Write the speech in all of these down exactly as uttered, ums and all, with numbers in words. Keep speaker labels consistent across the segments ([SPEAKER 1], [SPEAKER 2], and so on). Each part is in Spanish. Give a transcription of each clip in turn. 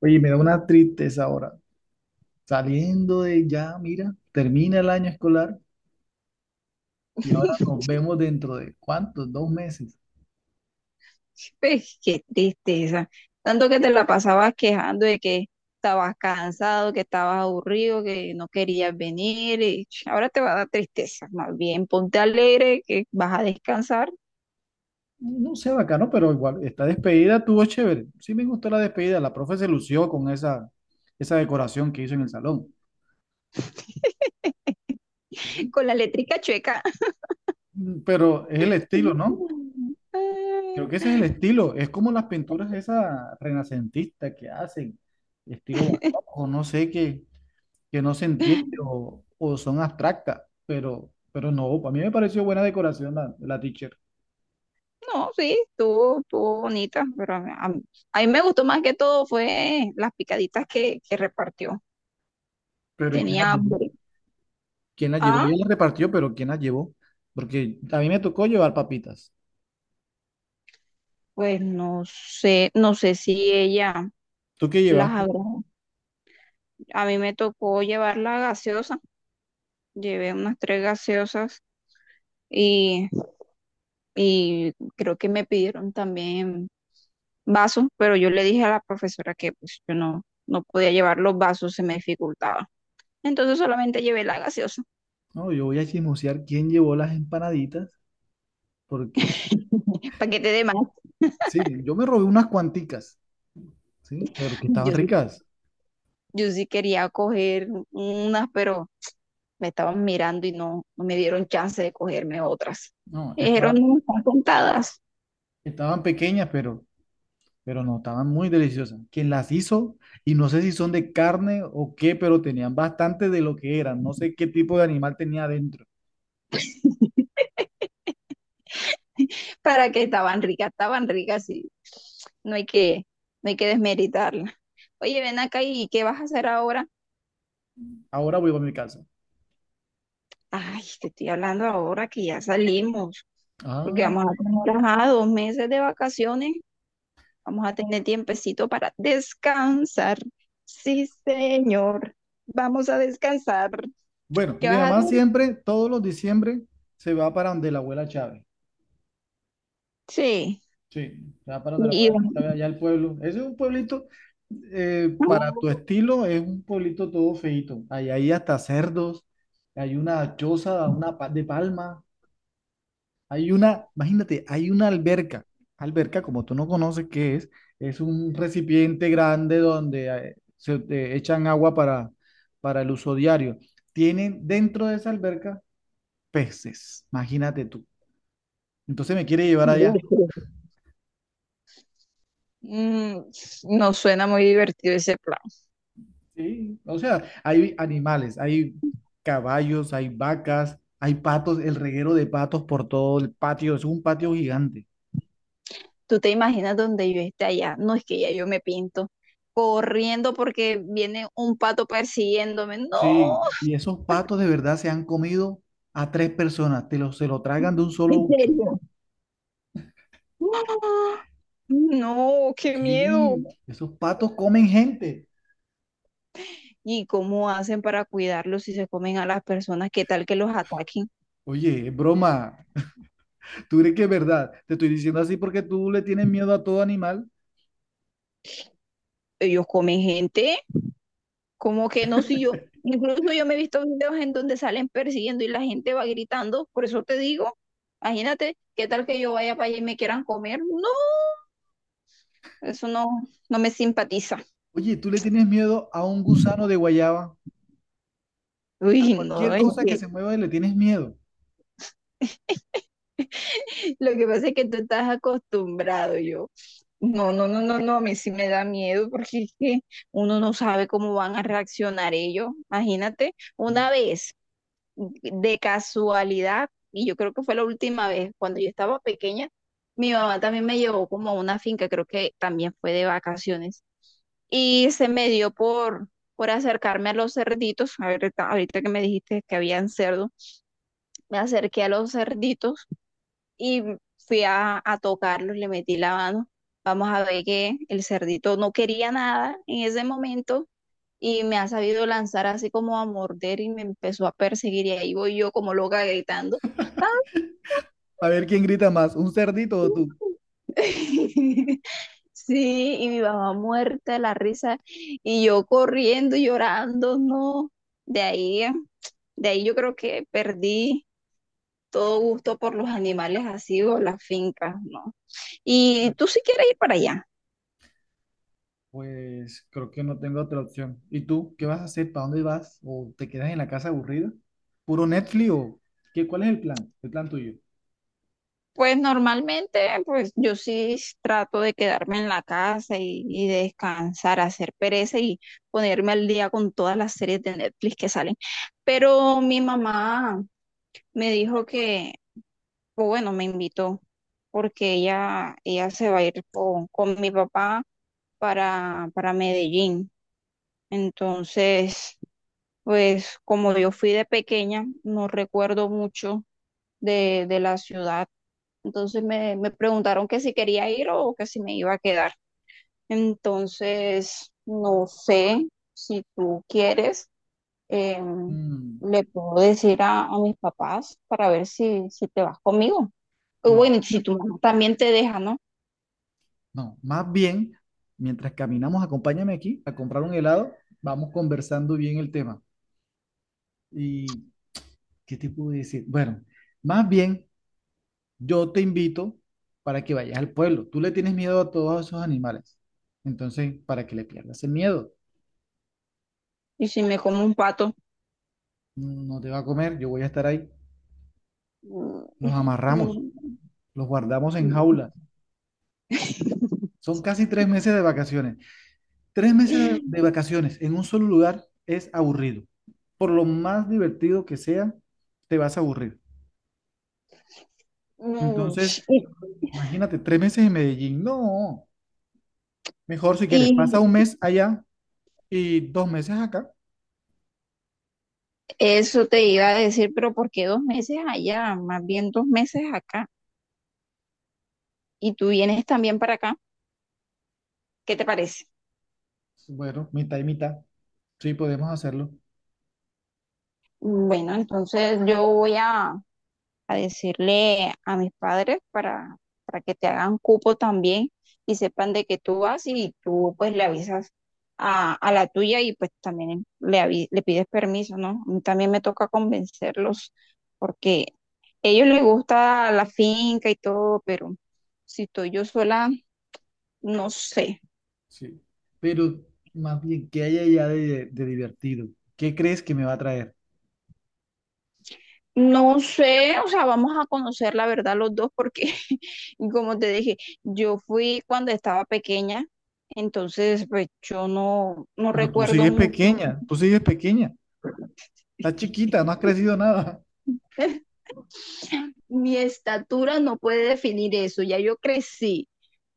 [SPEAKER 1] Oye, me da una tristeza ahora. Saliendo de ya, mira, termina el año escolar y ahora nos vemos dentro de ¿cuántos? Dos meses.
[SPEAKER 2] Pues, qué tristeza. Tanto que te la pasabas quejando de que estabas cansado, que estabas aburrido, que no querías venir y ch, ahora te va a dar tristeza. Más bien, ponte alegre que vas a descansar.
[SPEAKER 1] No sé, bacano, pero igual, esta despedida tuvo chévere. Sí me gustó la despedida. La profe se lució con esa, esa decoración que hizo en el salón.
[SPEAKER 2] Con la eléctrica chueca.
[SPEAKER 1] Mm, Pero es el estilo, ¿no? Creo que
[SPEAKER 2] Ah,
[SPEAKER 1] ese es el estilo. Es como las pinturas esas renacentistas que hacen, estilo barroco, no sé qué, que no se entiende o, o son abstractas, pero, pero no, a mí me pareció buena decoración la, la teacher.
[SPEAKER 2] no, sí, estuvo, estuvo bonita, pero a, a- mí a mí me gustó más que todo fue las picaditas que, que repartió.
[SPEAKER 1] Pero ¿y quién la
[SPEAKER 2] Tenía
[SPEAKER 1] llevó?
[SPEAKER 2] hambre.
[SPEAKER 1] ¿Quién la llevó? Ella
[SPEAKER 2] Ah,
[SPEAKER 1] la repartió, pero ¿quién la llevó? Porque a mí me tocó llevar papitas.
[SPEAKER 2] pues no sé, no sé si ella
[SPEAKER 1] ¿Tú qué
[SPEAKER 2] las
[SPEAKER 1] llevaste?
[SPEAKER 2] habrá. A mí me tocó llevar la gaseosa, llevé unas tres gaseosas y, y creo que me pidieron también vasos, pero yo le dije a la profesora que pues yo no, no podía llevar los vasos, se me dificultaba. Entonces solamente llevé la gaseosa,
[SPEAKER 1] No, yo voy a chismosear quién llevó las empanaditas, porque
[SPEAKER 2] paquete de más.
[SPEAKER 1] sí, yo me robé unas cuanticas, ¿sí? Pero que estaban
[SPEAKER 2] Yo sí,
[SPEAKER 1] ricas.
[SPEAKER 2] yo sí quería coger unas, pero me estaban mirando y no, no me dieron chance de cogerme otras.
[SPEAKER 1] No,
[SPEAKER 2] Me dijeron,
[SPEAKER 1] esta-
[SPEAKER 2] no, están contadas.
[SPEAKER 1] Estaban pequeñas, pero pero no, estaban muy deliciosas. Quien las hizo, y no sé si son de carne o qué, pero tenían bastante de lo que eran. No sé qué tipo de animal tenía adentro.
[SPEAKER 2] Para que estaban ricas, estaban ricas y no hay que, no hay que desmeritarla. Oye, ven acá, y ¿qué vas a hacer ahora?
[SPEAKER 1] Ahora voy a mi casa.
[SPEAKER 2] Ay, te estoy hablando ahora que ya salimos, porque
[SPEAKER 1] Ah,
[SPEAKER 2] vamos a tener, ajá, dos meses de vacaciones, vamos a tener tiempecito para descansar. Sí, señor, vamos a descansar.
[SPEAKER 1] bueno,
[SPEAKER 2] ¿Qué
[SPEAKER 1] mi
[SPEAKER 2] vas a hacer?
[SPEAKER 1] mamá siempre, todos los diciembre, se va para donde la abuela Chávez.
[SPEAKER 2] Sí.
[SPEAKER 1] Sí, se va para donde la
[SPEAKER 2] Y,
[SPEAKER 1] abuela
[SPEAKER 2] y-
[SPEAKER 1] Chávez, allá al pueblo. Ese es un pueblito, eh, para tu estilo, es un pueblito todo feito. Hay hasta cerdos, hay una choza, una pa- de palma. Hay una, imagínate, hay una alberca. Alberca, como tú no conoces qué es, es un recipiente grande donde eh, se eh, echan agua para, para el uso diario. Tienen dentro de esa alberca peces, imagínate tú. Entonces me quiere llevar allá.
[SPEAKER 2] Mm, no suena muy divertido ese plan.
[SPEAKER 1] Sí, o sea, hay animales, hay caballos, hay vacas, hay patos, el reguero de patos por todo el patio, es un patio gigante.
[SPEAKER 2] Tú te imaginas donde yo esté allá. No. Es que ya yo me pinto corriendo porque viene un pato persiguiéndome. No.
[SPEAKER 1] Sí, y esos patos de verdad se han comido a tres personas, te lo, se lo tragan de un solo
[SPEAKER 2] ¿En
[SPEAKER 1] ucho.
[SPEAKER 2] serio? ¡Ah! No, qué miedo.
[SPEAKER 1] Sí, esos patos comen gente.
[SPEAKER 2] ¿Y cómo hacen para cuidarlos si se comen a las personas? ¿Qué tal que los ataquen?
[SPEAKER 1] Oye, es broma. ¿Tú crees que es verdad? Te estoy diciendo así porque tú le tienes miedo a todo animal.
[SPEAKER 2] Ellos comen gente. ¿Cómo que no? Si yo, incluso yo me he visto videos en donde salen persiguiendo y la gente va gritando. Por eso te digo, imagínate, ¿qué tal que yo vaya para allá y me quieran comer? No, eso no, no me simpatiza.
[SPEAKER 1] Oye, tú le tienes miedo a un gusano de guayaba. A
[SPEAKER 2] Uy, no,
[SPEAKER 1] cualquier
[SPEAKER 2] es
[SPEAKER 1] cosa que
[SPEAKER 2] que
[SPEAKER 1] se mueva le tienes miedo.
[SPEAKER 2] lo que pasa es que tú estás acostumbrado, yo. No, no, no, no, no, a mí sí me da miedo porque es que uno no sabe cómo van a reaccionar ellos. Imagínate, una vez, de casualidad, y yo creo que fue la última vez, cuando yo estaba pequeña, mi mamá también me llevó como a una finca, creo que también fue de vacaciones, y se me dio por, por acercarme a los cerditos, a ver, ahorita ahorita que me dijiste que habían cerdos, me acerqué a los cerditos y fui a, a tocarlos, le metí la mano. Vamos a ver que el cerdito no quería nada en ese momento y me ha sabido lanzar así como a morder y me empezó a perseguir y ahí voy yo como loca gritando. ¡Ah!
[SPEAKER 1] A ver quién grita más, un cerdito o tú.
[SPEAKER 2] Sí, y mi mamá muerta de la risa y yo corriendo, llorando, no. De ahí, de ahí yo creo que perdí todo gusto por los animales así o las fincas, ¿no? Y tú si quieres ir para allá.
[SPEAKER 1] Pues creo que no tengo otra opción. ¿Y tú qué vas a hacer? ¿Para dónde vas? ¿O te quedas en la casa aburrida? ¿Puro Netflix o qué? ¿Cuál es el plan? ¿El plan tuyo?
[SPEAKER 2] Pues normalmente, pues yo sí trato de quedarme en la casa y, y descansar, hacer pereza y ponerme al día con todas las series de Netflix que salen. Pero mi mamá me dijo que, o bueno, me invitó porque ella, ella se va a ir con, con mi papá para, para Medellín. Entonces, pues como yo fui de pequeña, no recuerdo mucho de, de la ciudad, entonces me, me preguntaron que si quería ir o que si me iba a quedar. Entonces, no sé si tú quieres, em,
[SPEAKER 1] Mm,
[SPEAKER 2] le puedo decir a, a mis papás para ver si, si te vas conmigo. O bueno,
[SPEAKER 1] no,
[SPEAKER 2] y si tu mamá también te deja, ¿no?
[SPEAKER 1] no. Más bien, mientras caminamos, acompáñame aquí a comprar un helado. Vamos conversando bien el tema. ¿Y qué te puedo decir? Bueno, más bien, yo te invito para que vayas al pueblo. Tú le tienes miedo a todos esos animales. Entonces, para que le pierdas el miedo,
[SPEAKER 2] Y si me como un pato.
[SPEAKER 1] no te va a comer, yo voy a estar ahí.
[SPEAKER 2] Mm.
[SPEAKER 1] Los amarramos,
[SPEAKER 2] Mm.
[SPEAKER 1] los guardamos en jaulas. Son casi tres meses de vacaciones. Tres meses de, de vacaciones en un solo lugar es aburrido. Por lo más divertido que sea, te vas a aburrir.
[SPEAKER 2] Mm.
[SPEAKER 1] Entonces, imagínate, tres meses en Medellín. No, mejor si
[SPEAKER 2] Y,
[SPEAKER 1] quieres, pasa un
[SPEAKER 2] y
[SPEAKER 1] mes allá y dos meses acá.
[SPEAKER 2] eso te iba a decir, pero ¿por qué dos meses allá? Más bien dos meses acá. Y tú vienes también para acá. ¿Qué te parece?
[SPEAKER 1] Bueno, mitad y mitad. Sí, podemos hacerlo.
[SPEAKER 2] Bueno, entonces yo voy a, a decirle a mis padres para, para que te hagan cupo también y sepan de que tú vas y tú pues le avisas a, a la tuya y pues también le, avi- le pides permiso, ¿no? A mí también me toca convencerlos porque a ellos les gusta la finca y todo, pero si estoy yo sola, no sé.
[SPEAKER 1] Sí. Pero más bien, ¿qué hay allá de, de divertido? ¿Qué crees que me va a traer?
[SPEAKER 2] No sé, o sea, vamos a conocer la verdad los dos porque, como te dije, yo fui cuando estaba pequeña, entonces pues yo no, no
[SPEAKER 1] Pero tú
[SPEAKER 2] recuerdo
[SPEAKER 1] sigues
[SPEAKER 2] mucho.
[SPEAKER 1] pequeña, tú sigues pequeña, estás chiquita, no has crecido nada.
[SPEAKER 2] Mi estatura no puede definir eso, ya yo crecí.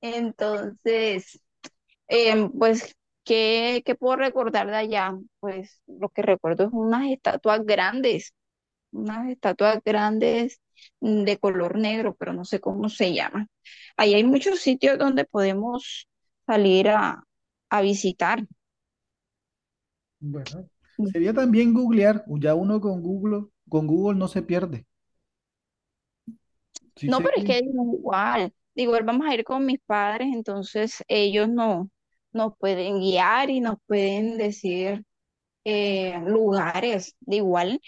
[SPEAKER 2] Entonces, em, pues, ¿qué, qué puedo recordar de allá? Pues lo que recuerdo es unas estatuas grandes. Unas estatuas grandes, mm, de color negro, pero no sé cómo se llaman. Ahí hay muchos sitios donde podemos salir a, a visitar.
[SPEAKER 1] Bueno, sería también googlear, o ya uno con Google, con Google no se pierde. Sí
[SPEAKER 2] No,
[SPEAKER 1] sé
[SPEAKER 2] pero es
[SPEAKER 1] que,
[SPEAKER 2] que digo, igual, de igual vamos a ir con mis padres, entonces ellos no, nos pueden guiar y nos pueden decir, eh, lugares. De igual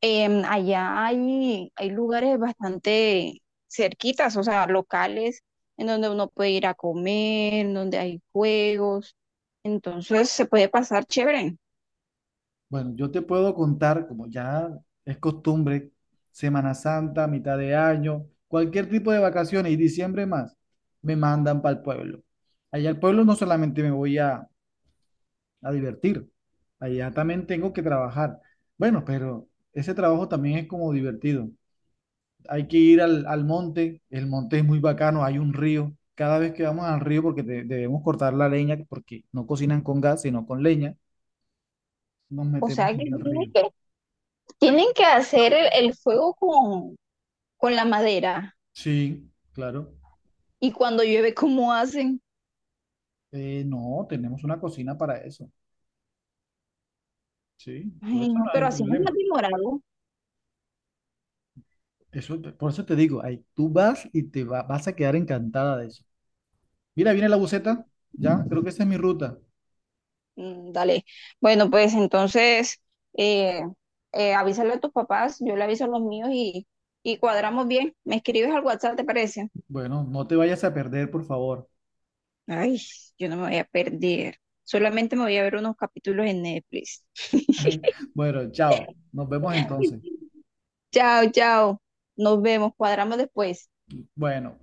[SPEAKER 2] Em, Allá hay, hay lugares bastante cerquitas, o sea, locales en donde uno puede ir a comer, en donde hay juegos, entonces se puede pasar chévere.
[SPEAKER 1] bueno, yo te puedo contar, como ya es costumbre, Semana Santa, mitad de año, cualquier tipo de vacaciones y diciembre más, me mandan para el pueblo. Allá al pueblo no solamente me voy a, a divertir, allá también tengo que trabajar. Bueno, pero ese trabajo también es como divertido. Hay que ir al, al monte, el monte es muy bacano, hay un río. Cada vez que vamos al río, porque de- debemos cortar la leña, porque no cocinan con gas, sino con leña, nos
[SPEAKER 2] O sea
[SPEAKER 1] metemos
[SPEAKER 2] que
[SPEAKER 1] allá al
[SPEAKER 2] tienen
[SPEAKER 1] río.
[SPEAKER 2] que, tienen que hacer el, el fuego con, con la madera.
[SPEAKER 1] Sí, claro.
[SPEAKER 2] Y cuando llueve, ¿cómo hacen?
[SPEAKER 1] Eh, no, tenemos una cocina para eso. Sí, por
[SPEAKER 2] Ay,
[SPEAKER 1] eso
[SPEAKER 2] no,
[SPEAKER 1] no hay
[SPEAKER 2] pero
[SPEAKER 1] el
[SPEAKER 2] así no es
[SPEAKER 1] problema.
[SPEAKER 2] más demorado.
[SPEAKER 1] Eso, te- por eso te digo, ahí tú vas y te va- vas a quedar encantada de eso. Mira, viene la buceta, ya, creo que esa es mi ruta.
[SPEAKER 2] Mm, dale. Bueno, pues entonces, eh, eh, avísale a tus papás, yo le aviso a los míos y, y cuadramos bien. ¿Me escribes al WhatsApp, te parece?
[SPEAKER 1] Bueno, no te vayas a perder, por favor.
[SPEAKER 2] Ay, yo no me voy a perder. Solamente me voy a ver unos capítulos en Netflix.
[SPEAKER 1] Bueno, chao. Nos vemos entonces.
[SPEAKER 2] Chao, chao. Nos vemos. Cuadramos después.
[SPEAKER 1] Bueno.